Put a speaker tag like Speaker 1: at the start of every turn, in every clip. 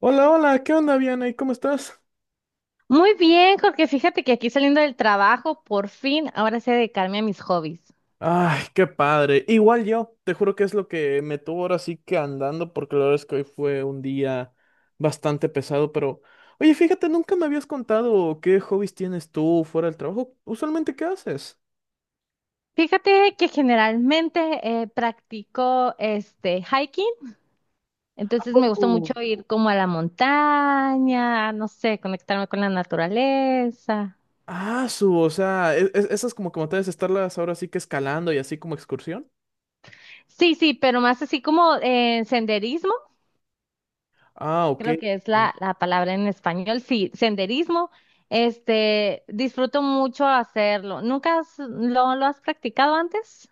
Speaker 1: Hola, hola, ¿qué onda, Vianey? ¿Cómo estás?
Speaker 2: Muy bien, Jorge, fíjate que aquí saliendo del trabajo, por fin, ahora sé dedicarme a mis hobbies.
Speaker 1: Ay, qué padre. Igual yo, te juro que es lo que me tuvo ahora sí que andando, porque la verdad es que hoy fue un día bastante pesado, pero oye, fíjate, nunca me habías contado qué hobbies tienes tú fuera del trabajo. Usualmente, ¿qué haces?
Speaker 2: Fíjate que generalmente practico este hiking,
Speaker 1: ¿A
Speaker 2: entonces me gusta mucho
Speaker 1: poco?
Speaker 2: ir como a la montaña, no sé, conectarme con la naturaleza.
Speaker 1: O sea, esas como que me estarlas ahora sí que escalando y así como excursión.
Speaker 2: Sí, sí, pero más así como senderismo,
Speaker 1: Ah, ok.
Speaker 2: creo que es la palabra en español, sí, senderismo. Este, disfruto mucho hacerlo. ¿Nunca lo has practicado antes?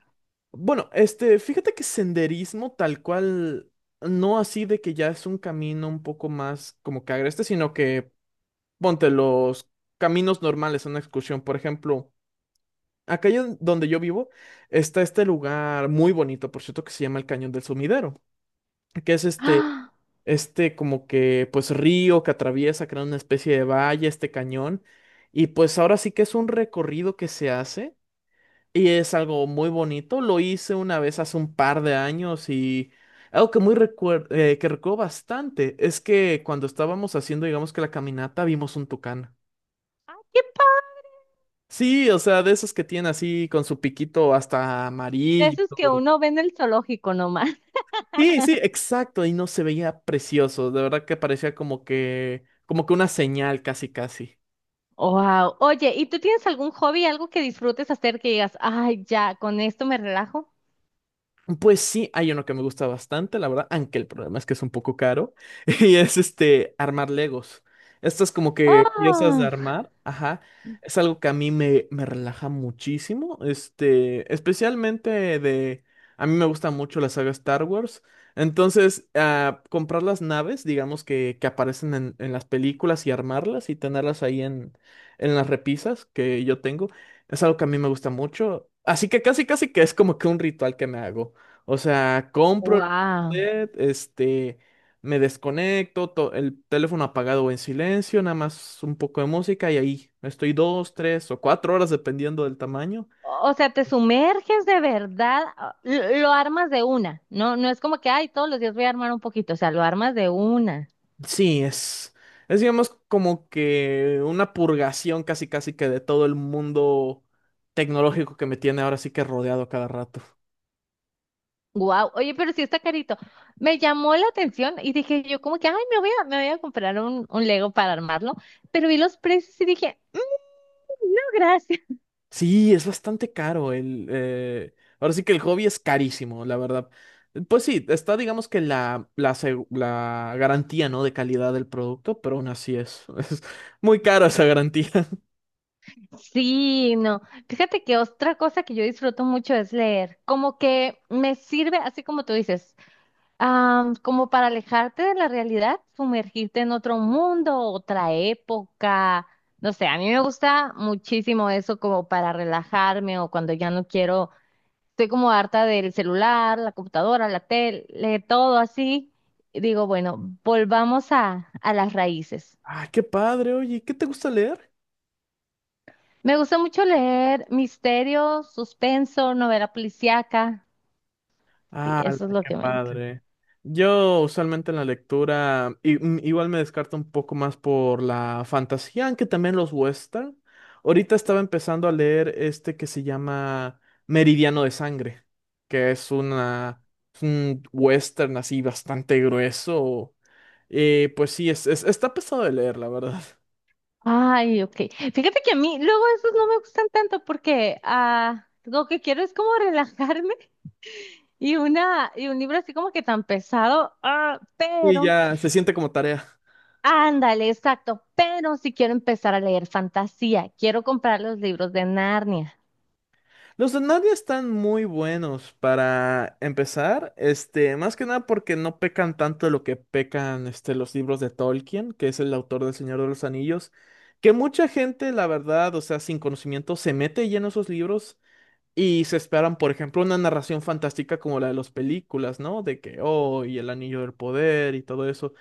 Speaker 1: Bueno, este, fíjate que senderismo tal cual, no así de que ya es un camino un poco más como que agreste, sino que ponte los caminos normales a una excursión. Por ejemplo, acá donde yo vivo está este lugar muy bonito, por cierto, que se llama el Cañón del Sumidero, que es este,
Speaker 2: ¡Ah!
Speaker 1: este como que pues río que atraviesa, crea una especie de valle, este cañón. Y pues ahora sí que es un recorrido que se hace. Y es algo muy bonito. Lo hice una vez hace un par de años y algo que muy que recuerdo bastante es que cuando estábamos haciendo, digamos que la caminata, vimos un tucán.
Speaker 2: ¡Ay, qué padre!
Speaker 1: Sí, o sea, de esos que tienen así con su piquito hasta
Speaker 2: De
Speaker 1: amarillo y
Speaker 2: esos que
Speaker 1: todo.
Speaker 2: uno ve en el zoológico nomás.
Speaker 1: Sí, sí, exacto. Y no se veía precioso. De verdad que parecía como que una señal, casi, casi.
Speaker 2: Wow. Oye, ¿y tú tienes algún hobby, algo que disfrutes hacer que digas, ay, ya, con esto me relajo?
Speaker 1: Pues sí, hay uno que me gusta bastante, la verdad, aunque el problema es que es un poco caro, y es este armar Legos. Estas como que piezas de
Speaker 2: Oh,
Speaker 1: armar, ajá, es algo que a mí me relaja muchísimo, este, especialmente de, a mí me gusta mucho la saga Star Wars, entonces comprar las naves, digamos que aparecen en las películas y armarlas y tenerlas ahí en las repisas que yo tengo, es algo que a mí me gusta mucho. Así que casi, casi que es como que un ritual que me hago. O sea, compro el
Speaker 2: wow.
Speaker 1: set, este, me desconecto, el teléfono apagado o en silencio, nada más un poco de música y ahí estoy dos, tres o cuatro horas dependiendo del tamaño.
Speaker 2: O sea, te sumerges de verdad, ah, lo armas de una. No, no es como que, ay, todos los días voy a armar un poquito. O sea, lo armas de una.
Speaker 1: Sí, es digamos como que una purgación casi casi que de todo el mundo tecnológico que me tiene ahora sí que rodeado a cada rato.
Speaker 2: Wow. Oye, pero sí está carito. Me llamó la atención y dije yo como que, ay, me voy a comprar un Lego para armarlo. Pero vi los precios y dije, "Mm, no, gracias."
Speaker 1: Sí, es bastante caro el. Ahora sí que el hobby es carísimo, la verdad. Pues sí, está, digamos que la garantía, ¿no? De calidad del producto, pero aún así es, es muy cara esa garantía.
Speaker 2: Sí, no. Fíjate que otra cosa que yo disfruto mucho es leer. Como que me sirve, así como tú dices, ah, como para alejarte de la realidad, sumergirte en otro mundo, otra época. No sé, a mí me gusta muchísimo eso como para relajarme o cuando ya no quiero, estoy como harta del celular, la computadora, la tele, todo así. Y digo, bueno, volvamos a las raíces.
Speaker 1: Ah, qué padre, oye, ¿qué te gusta leer?
Speaker 2: Me gusta mucho leer misterio, suspenso, novela policíaca. Sí,
Speaker 1: Ah,
Speaker 2: eso es lo
Speaker 1: qué
Speaker 2: que me encanta.
Speaker 1: padre. Yo usualmente en la lectura igual me descarto un poco más por la fantasía, aunque también los western. Ahorita estaba empezando a leer este que se llama Meridiano de Sangre, que es una es un western así bastante grueso. Pues sí, está pesado de leer, la verdad.
Speaker 2: Ay, ok. Fíjate que a mí luego esos no me gustan tanto porque lo que quiero es como relajarme y una y un libro así como que tan pesado. Ah,
Speaker 1: Y
Speaker 2: pero,
Speaker 1: ya se siente como tarea.
Speaker 2: ándale, exacto. Pero si quiero empezar a leer fantasía, quiero comprar los libros de Narnia.
Speaker 1: Los de Narnia están muy buenos para empezar, este, más que nada porque no pecan tanto de lo que pecan este, los libros de Tolkien, que es el autor del Señor de los Anillos, que mucha gente, la verdad, o sea, sin conocimiento, se mete lleno a esos libros y se esperan, por ejemplo, una narración fantástica como la de las películas, ¿no? De que, oh, y el Anillo del Poder y todo eso.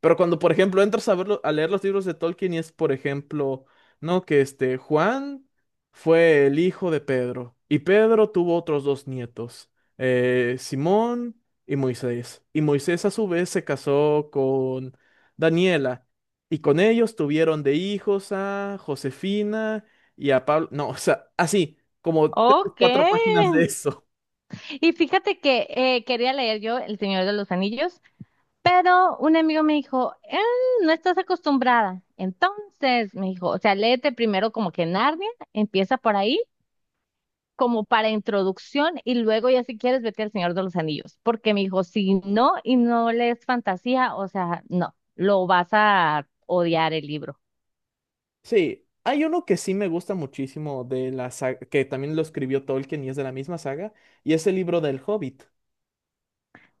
Speaker 1: Pero cuando, por ejemplo, entras a verlo, a leer los libros de Tolkien y es, por ejemplo, no, que este Juan fue el hijo de Pedro y Pedro tuvo otros dos nietos, Simón y Moisés. Y Moisés a su vez se casó con Daniela y con ellos tuvieron de hijos a Josefina y a Pablo. No, o sea, así, como tres,
Speaker 2: Ok.
Speaker 1: cuatro páginas de eso.
Speaker 2: Y fíjate que quería leer yo El Señor de los Anillos. Pero un amigo me dijo, no estás acostumbrada." Entonces me dijo, o sea, léete primero como que Narnia, empieza por ahí, como para introducción, y luego ya si quieres vete al Señor de los Anillos. Porque me dijo, si no y no lees fantasía, o sea, no, lo vas a odiar el libro.
Speaker 1: Sí, hay uno que sí me gusta muchísimo de la saga, que también lo escribió Tolkien y es de la misma saga, y es el libro del Hobbit.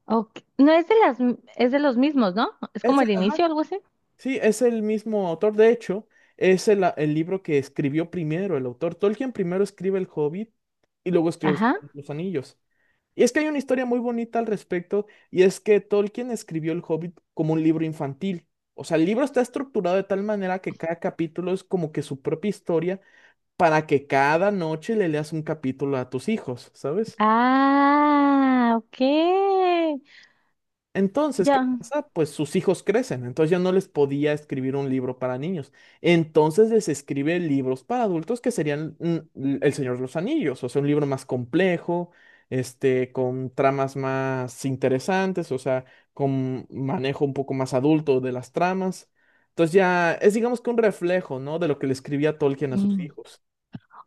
Speaker 2: Ok, no es de las, es de los mismos, ¿no? Es como el
Speaker 1: Ajá,
Speaker 2: inicio, algo así.
Speaker 1: sí, es el mismo autor. De hecho, es el libro que escribió primero el autor. Tolkien primero escribe el Hobbit y luego escribe el
Speaker 2: Ajá.
Speaker 1: Señor de los Anillos. Y es que hay una historia muy bonita al respecto, y es que Tolkien escribió el Hobbit como un libro infantil. O sea, el libro está estructurado de tal manera que cada capítulo es como que su propia historia para que cada noche le leas un capítulo a tus hijos, ¿sabes?
Speaker 2: Ah, ok.
Speaker 1: Entonces, ¿qué
Speaker 2: Ya.
Speaker 1: pasa? Pues sus hijos crecen, entonces ya no les podía escribir un libro para niños. Entonces les escribe libros para adultos que serían El Señor de los Anillos, o sea, un libro más complejo, este, con tramas más interesantes, o sea, con manejo un poco más adulto de las tramas. Entonces ya es digamos que un reflejo, ¿no? De lo que le escribía Tolkien a sus
Speaker 2: Mm.
Speaker 1: hijos.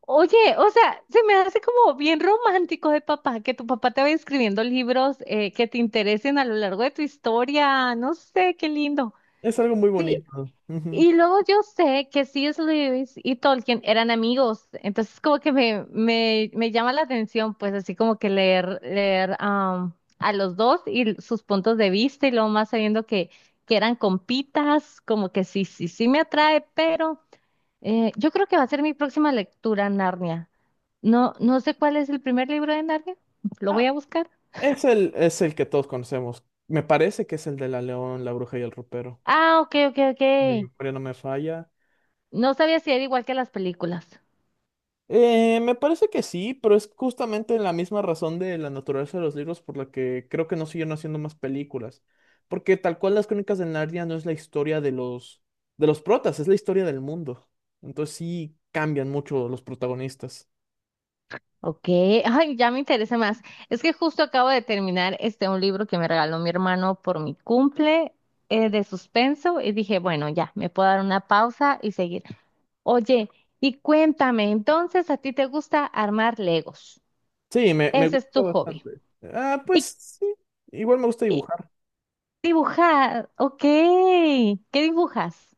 Speaker 2: Oye, o sea, se me hace como bien romántico de papá, que tu papá te va escribiendo libros que te interesen a lo largo de tu historia. No sé, qué lindo.
Speaker 1: Es algo muy
Speaker 2: Sí,
Speaker 1: bonito. Ujú.
Speaker 2: y luego yo sé que C.S. Lewis y Tolkien eran amigos, entonces como que me llama la atención, pues así como que leer, a los dos y sus puntos de vista y luego más sabiendo que eran compitas, como que sí, sí, sí me atrae, pero yo creo que va a ser mi próxima lectura, Narnia. No, no sé cuál es el primer libro de Narnia. Lo voy a buscar.
Speaker 1: Es el que todos conocemos. Me parece que es el de la León, la Bruja y el Ropero.
Speaker 2: Ah, ok, ok, ok.
Speaker 1: Mi memoria no me falla.
Speaker 2: No sabía si era igual que las películas.
Speaker 1: Me parece que sí, pero es justamente la misma razón de la naturaleza de los libros por la que creo que no siguen haciendo más películas. Porque tal cual las Crónicas de Narnia no es la historia de los protas, es la historia del mundo. Entonces sí cambian mucho los protagonistas.
Speaker 2: Ok, ay, ya me interesa más. Es que justo acabo de terminar este un libro que me regaló mi hermano por mi cumple de suspenso y dije, bueno, ya, me puedo dar una pausa y seguir. Oye, y cuéntame, entonces a ti te gusta armar Legos.
Speaker 1: Sí, me
Speaker 2: Ese es
Speaker 1: gusta
Speaker 2: tu hobby.
Speaker 1: bastante. Ah, pues
Speaker 2: Y,
Speaker 1: sí, igual me gusta
Speaker 2: y
Speaker 1: dibujar.
Speaker 2: dibujar, ok. ¿Qué dibujas?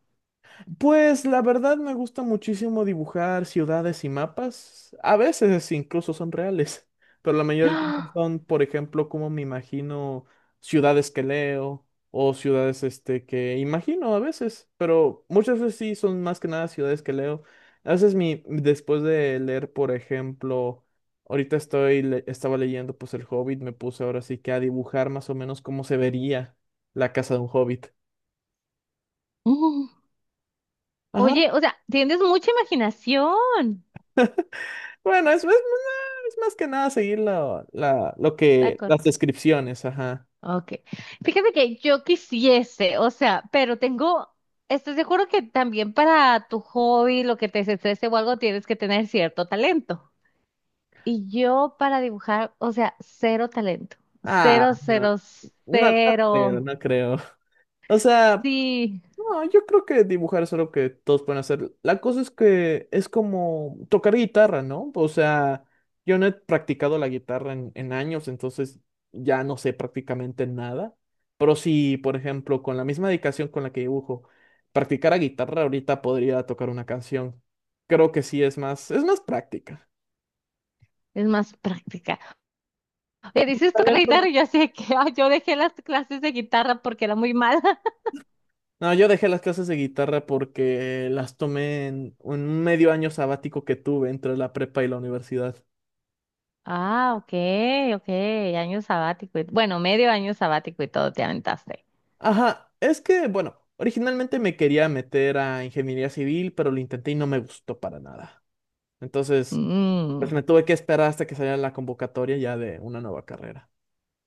Speaker 1: Pues la verdad me gusta muchísimo dibujar ciudades y mapas. A veces incluso son reales, pero la mayoría del tiempo son, por ejemplo, como me imagino ciudades que leo o ciudades este que imagino a veces, pero muchas veces sí son más que nada ciudades que leo. A veces mi después de leer, por ejemplo, ahorita estaba leyendo pues El Hobbit, me puse ahora sí que a dibujar más o menos cómo se vería la casa de un hobbit. Ajá.
Speaker 2: Oye, o sea, tienes mucha imaginación,
Speaker 1: Bueno, es más que nada seguir
Speaker 2: la cor.
Speaker 1: las descripciones, ajá.
Speaker 2: Ok. Fíjate que yo quisiese, o sea, pero tengo, estoy seguro que también para tu hobby, lo que te desestrese o algo, tienes que tener cierto talento. Y yo para dibujar, o sea, cero talento.
Speaker 1: Ah,
Speaker 2: Cero,
Speaker 1: no,
Speaker 2: cero,
Speaker 1: no, no creo,
Speaker 2: cero.
Speaker 1: no creo. O sea,
Speaker 2: Sí,
Speaker 1: no, yo creo que dibujar es algo que todos pueden hacer. La cosa es que es como tocar guitarra, ¿no? O sea, yo no he practicado la guitarra en años, entonces ya no sé prácticamente nada. Pero si, por ejemplo, con la misma dedicación con la que dibujo, practicara guitarra, ahorita podría tocar una canción. Creo que sí es más práctica.
Speaker 2: es más práctica. Oye, dices tocar la
Speaker 1: Talento
Speaker 2: guitarra y yo así de que, ay, yo dejé las clases de guitarra porque era muy mala.
Speaker 1: no, yo dejé las clases de guitarra porque las tomé en un medio año sabático que tuve entre la prepa y la universidad.
Speaker 2: Ah, ok, ok, año sabático. Bueno, medio año sabático y todo te aventaste.
Speaker 1: Ajá, es que, bueno, originalmente me quería meter a ingeniería civil, pero lo intenté y no me gustó para nada. Entonces, pues
Speaker 2: Mm.
Speaker 1: me tuve que esperar hasta que saliera la convocatoria ya de una nueva carrera.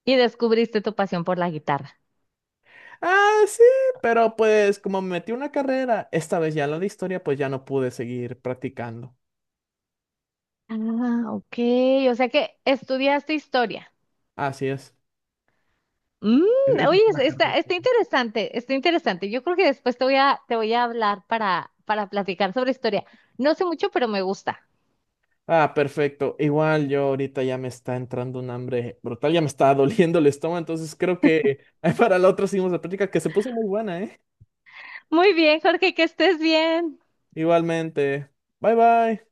Speaker 2: Y descubriste tu pasión por la guitarra.
Speaker 1: Ah, sí, pero pues como me metí a una carrera, esta vez ya la de historia, pues ya no pude seguir practicando.
Speaker 2: Ah, ok, o sea que estudiaste historia.
Speaker 1: Así es.
Speaker 2: Mm,
Speaker 1: Eso
Speaker 2: oye,
Speaker 1: fue la
Speaker 2: está,
Speaker 1: carrera.
Speaker 2: está interesante, está interesante. Yo creo que después te voy a hablar para platicar sobre historia. No sé mucho, pero me gusta.
Speaker 1: Ah, perfecto. Igual yo ahorita ya me está entrando un hambre brutal, ya me está doliendo el estómago, entonces creo que para la otra seguimos la práctica que se puso muy buena, ¿eh?
Speaker 2: Muy bien, Jorge, que estés bien.
Speaker 1: Igualmente. Bye bye.